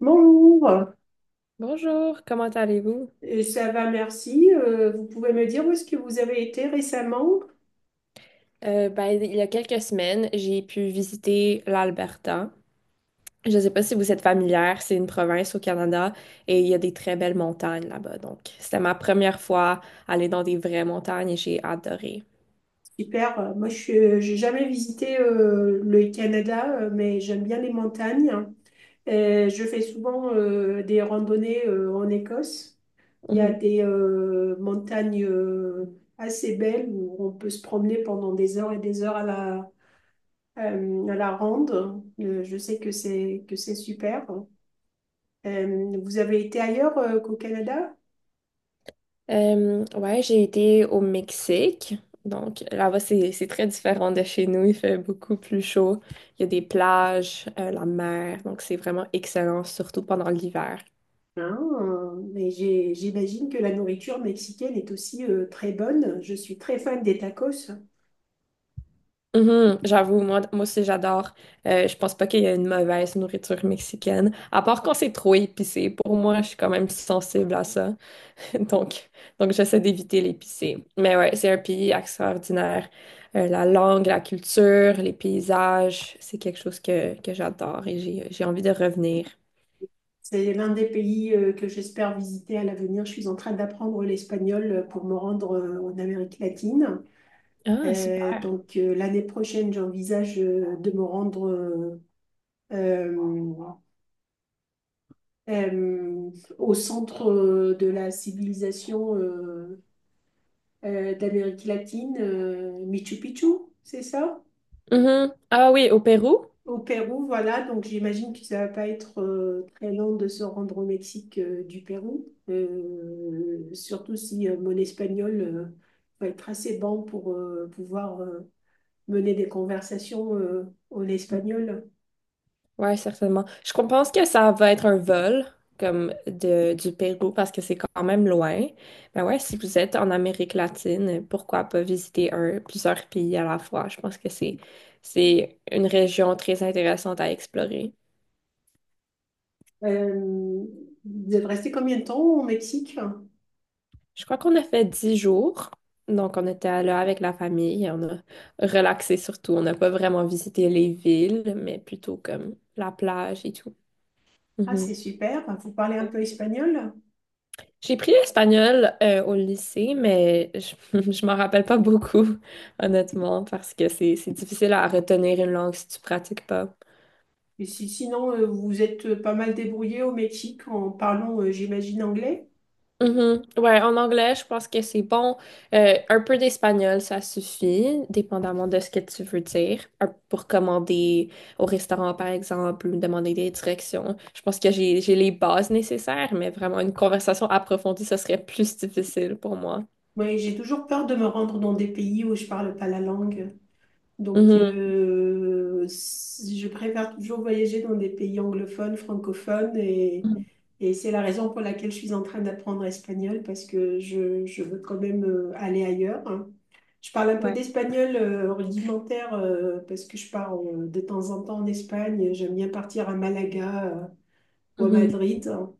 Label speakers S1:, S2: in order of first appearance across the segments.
S1: Bonjour,
S2: Bonjour, comment allez-vous?
S1: Ça va, merci. Vous pouvez me dire où est-ce que vous avez été récemment?
S2: Ben, il y a quelques semaines, j'ai pu visiter l'Alberta. Je ne sais pas si vous êtes familière, c'est une province au Canada et il y a des très belles montagnes là-bas. Donc, c'était ma première fois aller dans des vraies montagnes et j'ai adoré.
S1: Super. Moi je n'ai jamais visité le Canada, mais j'aime bien les montagnes. Je fais souvent des randonnées en Écosse. Il y a
S2: Mhm.
S1: des montagnes assez belles où on peut se promener pendant des heures et des heures à la ronde. Je sais que c'est super. Vous avez été ailleurs qu'au Canada?
S2: Ouais, j'ai été au Mexique. Donc, là-bas, c'est très différent de chez nous. Il fait beaucoup plus chaud. Il y a des plages, la mer. Donc, c'est vraiment excellent, surtout pendant l'hiver.
S1: Hein, mais j'imagine que la nourriture mexicaine est aussi très bonne. Je suis très fan des tacos.
S2: Mhm, j'avoue, moi aussi j'adore. Je pense pas qu'il y a une mauvaise nourriture mexicaine, à part quand c'est trop épicé. Pour moi, je suis quand même sensible à ça. Donc, donc j'essaie d'éviter l'épicé. Mais ouais, c'est un pays extraordinaire. La langue, la culture, les paysages, c'est quelque chose que j'adore et j'ai envie de revenir.
S1: C'est l'un des pays que j'espère visiter à l'avenir. Je suis en train d'apprendre l'espagnol pour me rendre en Amérique latine.
S2: Ah,
S1: Euh,
S2: super.
S1: donc l'année prochaine, j'envisage de me rendre euh, euh, au centre de la civilisation d'Amérique latine, Machu Picchu, c'est ça?
S2: Mhm. Ah oui, au Pérou?
S1: Au Pérou, voilà, donc j'imagine que ça va pas être très long de se rendre au Mexique du Pérou. Surtout si mon espagnol va être assez bon pour pouvoir mener des conversations en espagnol.
S2: Ouais, certainement. Je pense que ça va être un vol comme du Pérou parce que c'est quand même loin. Mais ouais, si vous êtes en Amérique latine, pourquoi pas visiter plusieurs pays à la fois? Je pense que c'est une région très intéressante à explorer.
S1: Euh, vous êtes resté combien de temps au Mexique?
S2: Je crois qu'on a fait 10 jours. Donc, on était là avec la famille, on a relaxé surtout. On n'a pas vraiment visité les villes, mais plutôt comme la plage et tout.
S1: Ah,
S2: Mhm.
S1: c'est super. Enfin, vous parlez un peu espagnol?
S2: J'ai pris l'espagnol au lycée, mais je m'en rappelle pas beaucoup, honnêtement, parce que c'est difficile à retenir une langue si tu pratiques pas.
S1: Et si, sinon, vous êtes pas mal débrouillé au Mexique en parlant, j'imagine, anglais?
S2: Mhm. Ouais, en anglais, je pense que c'est bon. Un peu d'espagnol, ça suffit, dépendamment de ce que tu veux dire. Pour commander au restaurant, par exemple, ou demander des directions. Je pense que j'ai les bases nécessaires, mais vraiment une conversation approfondie, ce serait plus difficile pour moi.
S1: Oui, j'ai toujours peur de me rendre dans des pays où je parle pas la langue. Donc,
S2: Mhm.
S1: je préfère toujours voyager dans des pays anglophones, francophones, et,
S2: Mhm.
S1: et c'est la raison pour laquelle je suis en train d'apprendre l'espagnol, parce que je veux quand même aller ailleurs. Hein. Je parle un peu
S2: Ouais.
S1: d'espagnol rudimentaire, parce que je pars de temps en temps en Espagne. J'aime bien partir à Malaga, ou à Madrid. Hein.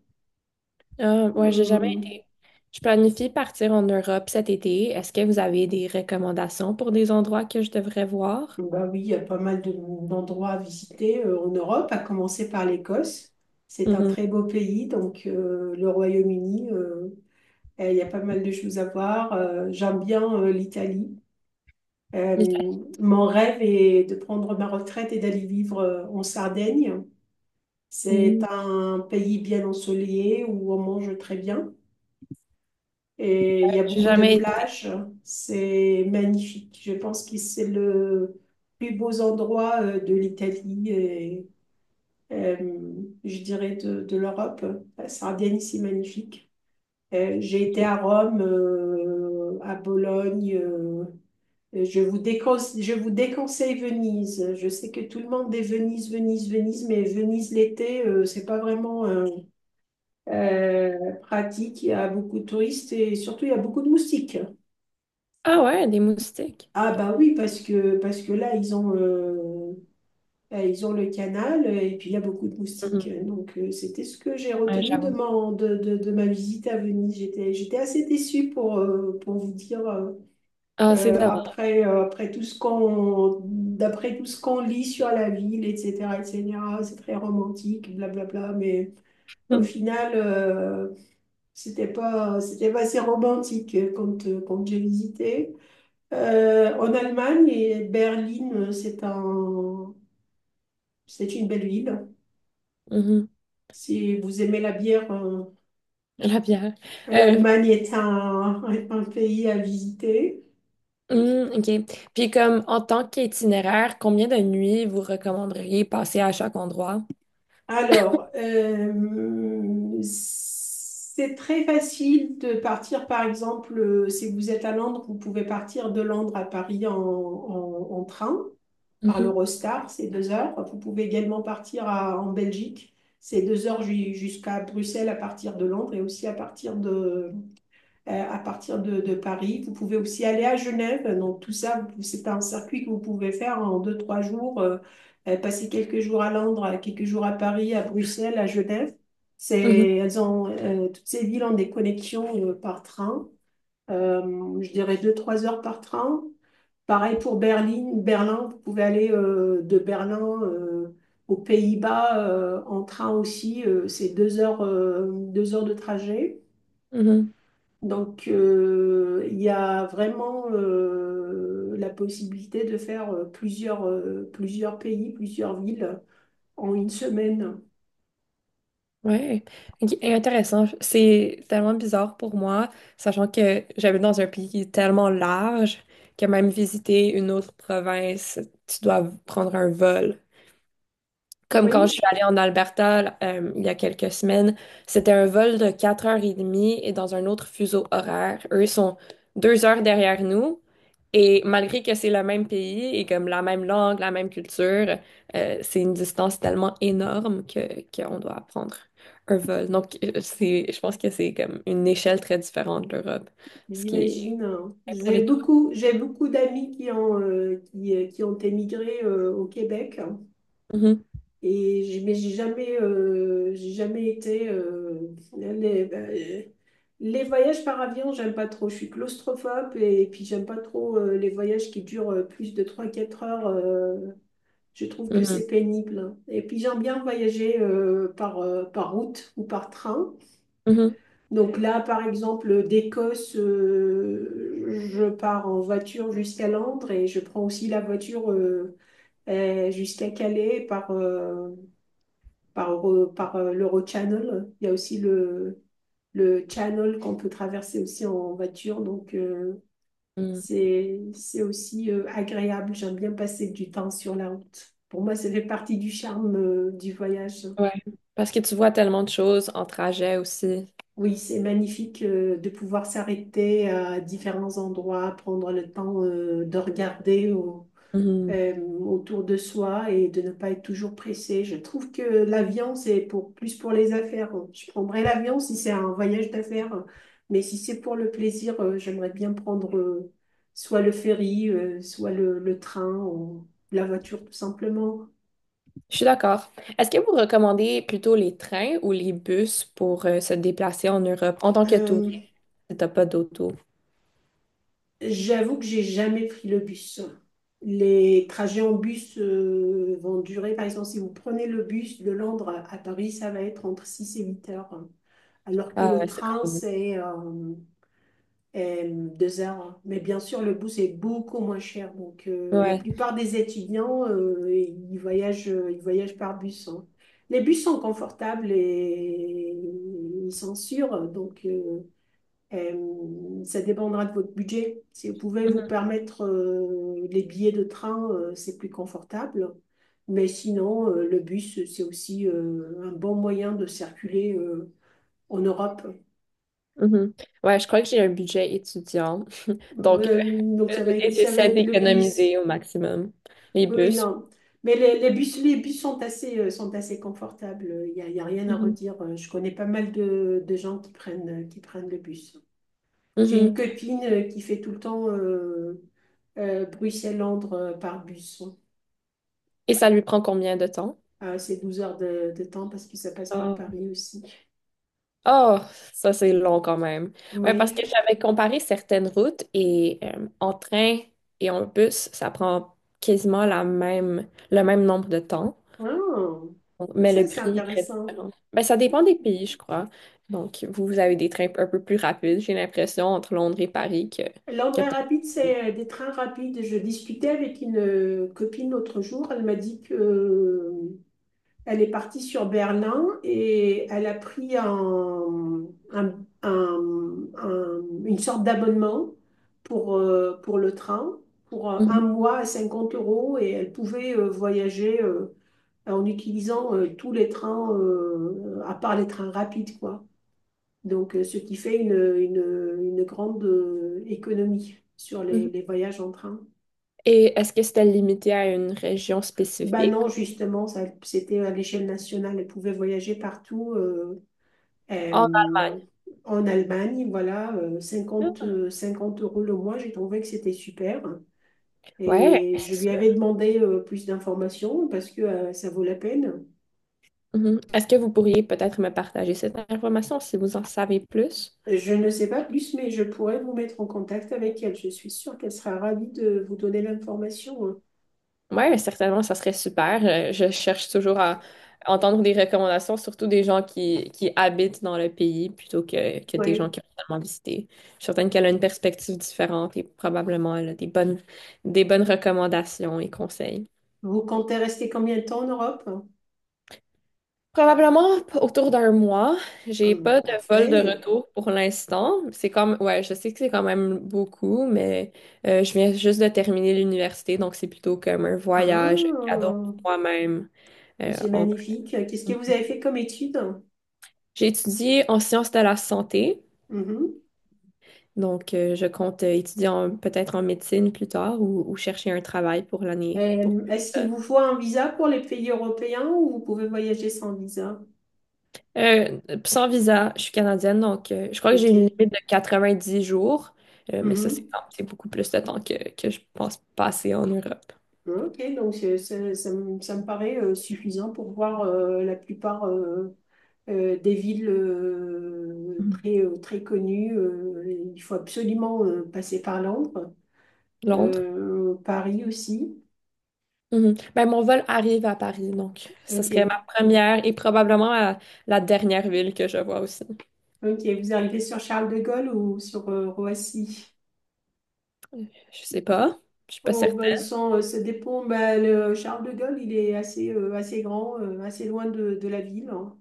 S2: Ah, ouais, j'ai jamais
S1: Hum.
S2: été. Je planifie partir en Europe cet été. Est-ce que vous avez des recommandations pour des endroits que je devrais voir?
S1: Bah oui, il y a pas mal d'endroits à visiter en Europe, à commencer par l'Écosse. C'est un
S2: Mhm.
S1: très beau pays, donc le Royaume-Uni, il y a pas mal de choses à voir. J'aime bien l'Italie. Euh,
S2: L'Italie.
S1: mon rêve est de prendre ma retraite et d'aller vivre en Sardaigne. C'est
S2: Mhm.
S1: un pays bien ensoleillé où on mange très bien. Et il y a
S2: J'ai
S1: beaucoup de
S2: jamais été.
S1: plages. C'est magnifique. Je pense que c'est le plus beau endroit de l'Italie et euh, je dirais de l'Europe. La Sardaigne, c'est magnifique. J'ai été à Rome, à Bologne. Je vous déconseille Venise. Je sais que tout le monde dit Venise, Venise, Venise, mais Venise l'été, c'est pas vraiment euh, pratique. Il y a beaucoup de touristes et surtout il y a beaucoup de moustiques.
S2: Ah ouais, des moustiques.
S1: Ah bah oui, parce que là, ils ont le canal et puis il y a beaucoup de
S2: Mhm.
S1: moustiques. Donc c'était ce que j'ai
S2: Ouais,
S1: retenu de,
S2: j'avoue.
S1: mon- de ma visite à Venise. J'étais assez déçue pour vous dire,
S2: Ah, c'est dommage.
S1: après, après tout ce qu'on, d'après tout ce qu'on lit sur la ville, etc., etc., c'est très romantique, blablabla, mais au
S2: Mhm.
S1: final, c'était pas assez romantique quand j'ai visité. En Allemagne, et Berlin, c'est une belle ville.
S2: Mhm.
S1: Si vous aimez la bière,
S2: La bière. Euh,
S1: l'Allemagne est un pays à visiter.
S2: mhm, OK. Puis comme en tant qu'itinéraire, combien de nuits vous recommanderiez passer à chaque endroit?
S1: Alors, c'est très facile de partir, par exemple, si vous êtes à Londres, vous pouvez partir de Londres à Paris en train, par
S2: Mhm.
S1: l'Eurostar. C'est 2 heures. Vous pouvez également partir en Belgique, c'est deux heures jusqu'à Bruxelles à partir de Londres et aussi à partir de Paris. Vous pouvez aussi aller à Genève. Donc tout ça, c'est un circuit que vous pouvez faire en 2, 3 jours, passer quelques jours à Londres, quelques jours à Paris, à Bruxelles, à Genève.
S2: Mhm.
S1: Toutes ces villes ont des connexions par train. Je dirais 2, 3 heures par train. Pareil pour Berlin, vous pouvez aller de Berlin aux Pays-Bas en train aussi, c'est 2 heures, 2 heures de trajet.
S2: Mhm.
S1: Donc il y a vraiment la possibilité de faire plusieurs pays, plusieurs villes en une semaine.
S2: Ouais, OK, intéressant. C'est tellement bizarre pour moi, sachant que j'habite dans un pays tellement large que même visiter une autre province, tu dois prendre un vol. Comme quand je
S1: Oui,
S2: suis allée en Alberta il y a quelques semaines, c'était un vol de 4h30 et dans un autre fuseau horaire. Eux sont 2 heures derrière nous et malgré que c'est le même pays et comme la même langue, la même culture, c'est une distance tellement énorme que qu'on doit apprendre un vol. Donc je pense que c'est comme une échelle très différente de l'Europe, ce qui
S1: j'imagine.
S2: est pour
S1: J'ai
S2: les touristes.
S1: beaucoup, j'ai beaucoup d'amis qui ont émigré au Québec.
S2: Mhm,
S1: Et mais j'ai jamais été. Ben, les voyages par avion, j'aime pas trop. Je suis claustrophobe et, puis j'aime pas trop les voyages qui durent plus de trois quatre heures. Je trouve que
S2: mhm,
S1: c'est pénible. Hein. Et puis j'aime bien voyager par route ou par train.
S2: mhm,
S1: Donc là, par exemple, d'Écosse, je pars en voiture jusqu'à Londres et je prends aussi la voiture jusqu'à Calais par l'Eurochannel. Il y a aussi le channel qu'on peut traverser aussi en voiture. Donc,
S2: mhm.
S1: c'est aussi agréable. J'aime bien passer du temps sur la route. Pour moi, ça fait partie du charme du voyage.
S2: Ouais. Parce que tu vois tellement de choses en trajet aussi.
S1: Oui, c'est magnifique de pouvoir s'arrêter à différents endroits, prendre le temps de regarder.
S2: Mhm.
S1: euh, autour de soi et de ne pas être toujours pressé. Je trouve que l'avion, c'est plus pour les affaires. Je prendrais l'avion si c'est un voyage d'affaires, mais si c'est pour le plaisir, j'aimerais bien prendre soit le ferry, soit le train ou la voiture tout simplement.
S2: Je suis d'accord. Est-ce que vous recommandez plutôt les trains ou les bus pour se déplacer en Europe en tant que touriste
S1: Euh,
S2: si t'as pas d'auto?
S1: j'avoue que j'ai jamais pris le bus. Les trajets en bus vont durer, par exemple, si vous prenez le bus de Londres à Paris, ça va être entre 6 et 8 heures, alors que
S2: Ah
S1: le
S2: ouais, c'est
S1: train,
S2: quand même.
S1: c'est est 2 heures. Hein. Mais bien sûr, le bus est beaucoup moins cher. Donc, la
S2: Ouais.
S1: plupart des étudiants, ils voyagent par bus. Hein. Les bus sont confortables et ils sont sûrs. Donc, ça dépendra de votre budget. Si vous pouvez
S2: Mhm,
S1: vous permettre les billets de train, c'est plus confortable. Mais sinon, le bus, c'est aussi un bon moyen de circuler en Europe.
S2: mhm. Ouais, je crois que j'ai un budget étudiant. Donc,
S1: Euh, donc ça va être,
S2: et
S1: ça va
S2: j'essaie
S1: être le bus.
S2: d'économiser au maximum les
S1: Oui, oui,
S2: bus.
S1: non. Mais les bus sont assez confortables. Il n'y a, y a rien à
S2: Mhm,
S1: redire. Je connais pas mal de gens qui prennent le bus. J'ai une
S2: mhm.
S1: copine qui fait tout le temps Bruxelles-Londres par bus.
S2: Et ça lui prend combien de temps?
S1: Ah, c'est 12 heures de temps parce que ça passe par Paris aussi.
S2: Oh, ça c'est long quand même. Ouais, parce que
S1: Oui.
S2: j'avais comparé certaines routes et en train et en bus, ça prend quasiment le même nombre de temps,
S1: je- Ah,
S2: mais
S1: ça,
S2: le
S1: c'est
S2: prix est très
S1: intéressant.
S2: différent. Ben, ça dépend des pays, je crois. Donc, vous, vous avez des trains un peu plus rapides, j'ai l'impression, entre Londres et Paris que,
S1: L'André
S2: peut-être.
S1: rapide, c'est des trains rapides. Je discutais avec une copine l'autre jour. Elle m'a dit que elle est partie sur Berlin et elle a pris un- une sorte d'abonnement pour le train pour un
S2: Mhm,
S1: mois à 50 € et elle pouvait voyager en utilisant tous les trains, à part les trains rapides, quoi. Donc, ce qui fait une grande économie sur
S2: mhm.
S1: les voyages en train.
S2: Et est-ce que c'était limité à une région
S1: Ben
S2: spécifique?
S1: non, justement, ça, c'était à l'échelle nationale. Elle pouvait voyager partout
S2: En
S1: euh,
S2: Allemagne.
S1: en Allemagne. Voilà, 50 50 € le mois, j'ai trouvé que c'était super.
S2: Ouais,
S1: Et
S2: c'est
S1: je lui
S2: sûr.
S1: avais demandé plus d'informations parce que ça vaut la peine.
S2: Mhm. Est-ce que vous pourriez peut-être me partager cette information si vous en savez plus?
S1: Je ne sais pas plus, mais je pourrais vous mettre en contact avec elle. Je suis sûre qu'elle sera ravie de vous donner l'information. Hein.
S2: Ouais, certainement, ça serait super. Je cherche toujours à entendre des recommandations, surtout des gens qui habitent dans le pays plutôt que des gens
S1: Ouais.
S2: qui ont seulement visité. Je suis certaine qu'elle a une perspective différente et probablement elle a des bonnes recommandations et conseils.
S1: Vous comptez rester combien de temps en Europe?
S2: Probablement autour d'un mois. J'ai pas de vol de
S1: Parfait.
S2: retour pour l'instant. C'est comme, ouais, je sais que c'est quand même beaucoup, mais je viens juste de terminer l'université, donc c'est plutôt comme un voyage, un
S1: Ah,
S2: cadeau pour moi-même. euh,
S1: c'est
S2: en-
S1: magnifique. Qu'est-ce que vous avez fait comme étude?
S2: J'ai étudié en sciences de la santé,
S1: Mhm.
S2: donc je compte étudier peut-être en médecine plus tard ou, chercher un travail pour l'année.
S1: Est-ce qu'il vous faut un visa pour les pays européens ou vous pouvez voyager sans visa?
S2: Sans visa, je suis canadienne, donc je crois que j'ai une
S1: Ok.
S2: limite de 90 jours, mais ça,
S1: Mhm.
S2: c'est beaucoup plus de temps que je pense passer en Europe.
S1: Ok, donc ça me paraît suffisant pour voir la plupart des villes
S2: Mhm.
S1: très connues. Il faut absolument passer par Londres,
S2: Londres.
S1: Paris aussi.
S2: Mhm. Ben, mon vol arrive à Paris, donc ce serait ma
S1: Ok.
S2: première et probablement la dernière ville que je vois aussi.
S1: Ok, vous arrivez sur Charles de Gaulle ou sur Roissy?
S2: Euh, Je sais pas, je suis pas
S1: Oh, bah,
S2: certaine.
S1: ça dépend. Bah, le Charles de Gaulle, il est assez grand, assez loin de la ville. Hein.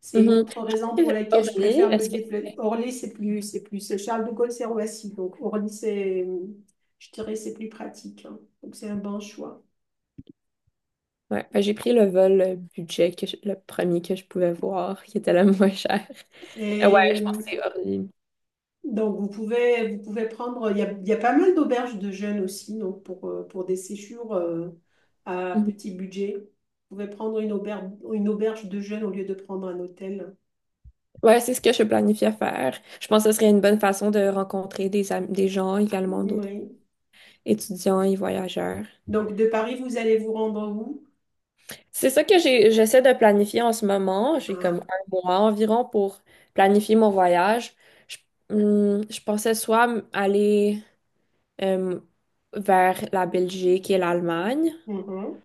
S1: C'est une
S2: Mhm.
S1: autre raison pour laquelle je
S2: Orly,
S1: préfère me
S2: est-ce que.
S1: déplacer. Orly, c'est plus, c'est plus. C'est Charles de Gaulle, c'est Roissy. Donc, Orly, c'est, je dirais, c'est plus pratique. Hein. Donc, c'est un bon choix.
S2: Ouais, ben, j'ai pris le vol budget, le premier que je pouvais voir, qui était le moins cher. Ouais,
S1: Et
S2: je pense que c'est hors ligne.
S1: Donc, vous pouvez prendre, il y a pas mal d'auberges de jeunes aussi, donc pour des séjours à
S2: Mhm.
S1: petit budget. Vous pouvez prendre une auberge de jeunes au lieu de prendre un hôtel.
S2: Ouais, c'est ce que je planifiais faire. Je pense que ce serait une bonne façon de rencontrer des gens également, d'autres
S1: Oui.
S2: étudiants et voyageurs.
S1: Donc, de Paris, vous allez vous rendre où?
S2: C'est ça que j'essaie de planifier en ce moment. J'ai comme
S1: Ah,
S2: un mois environ pour planifier mon voyage. Je, je pensais soit aller euh, vers la Belgique et l'Allemagne
S1: mhm.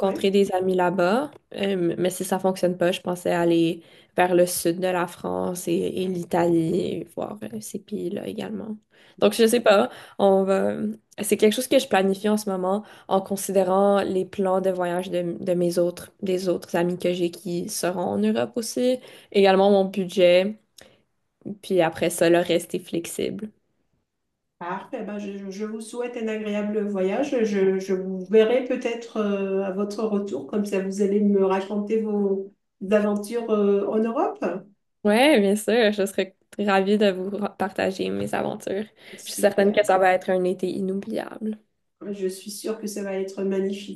S1: Oui.
S2: des amis là-bas. Mais si ça fonctionne pas, je pensais aller vers le sud de la France et, l'Italie et voir ces pays-là également. Donc, je sais pas, on va. C'est quelque chose que je planifie en ce moment en considérant les plans de voyage de des autres amis que j'ai qui seront en Europe aussi, également mon budget, puis après ça, le reste est flexible.
S1: Parfait. Ben, je vous souhaite un agréable voyage. Je vous verrai peut-être à votre retour, comme ça vous allez me raconter vos aventures en Europe.
S2: Ouais, bien sûr, je serais ravie de vous partager mes aventures. Je suis certaine que
S1: Super.
S2: ça va être un été inoubliable.
S1: Je suis sûre que ça va être magnifique.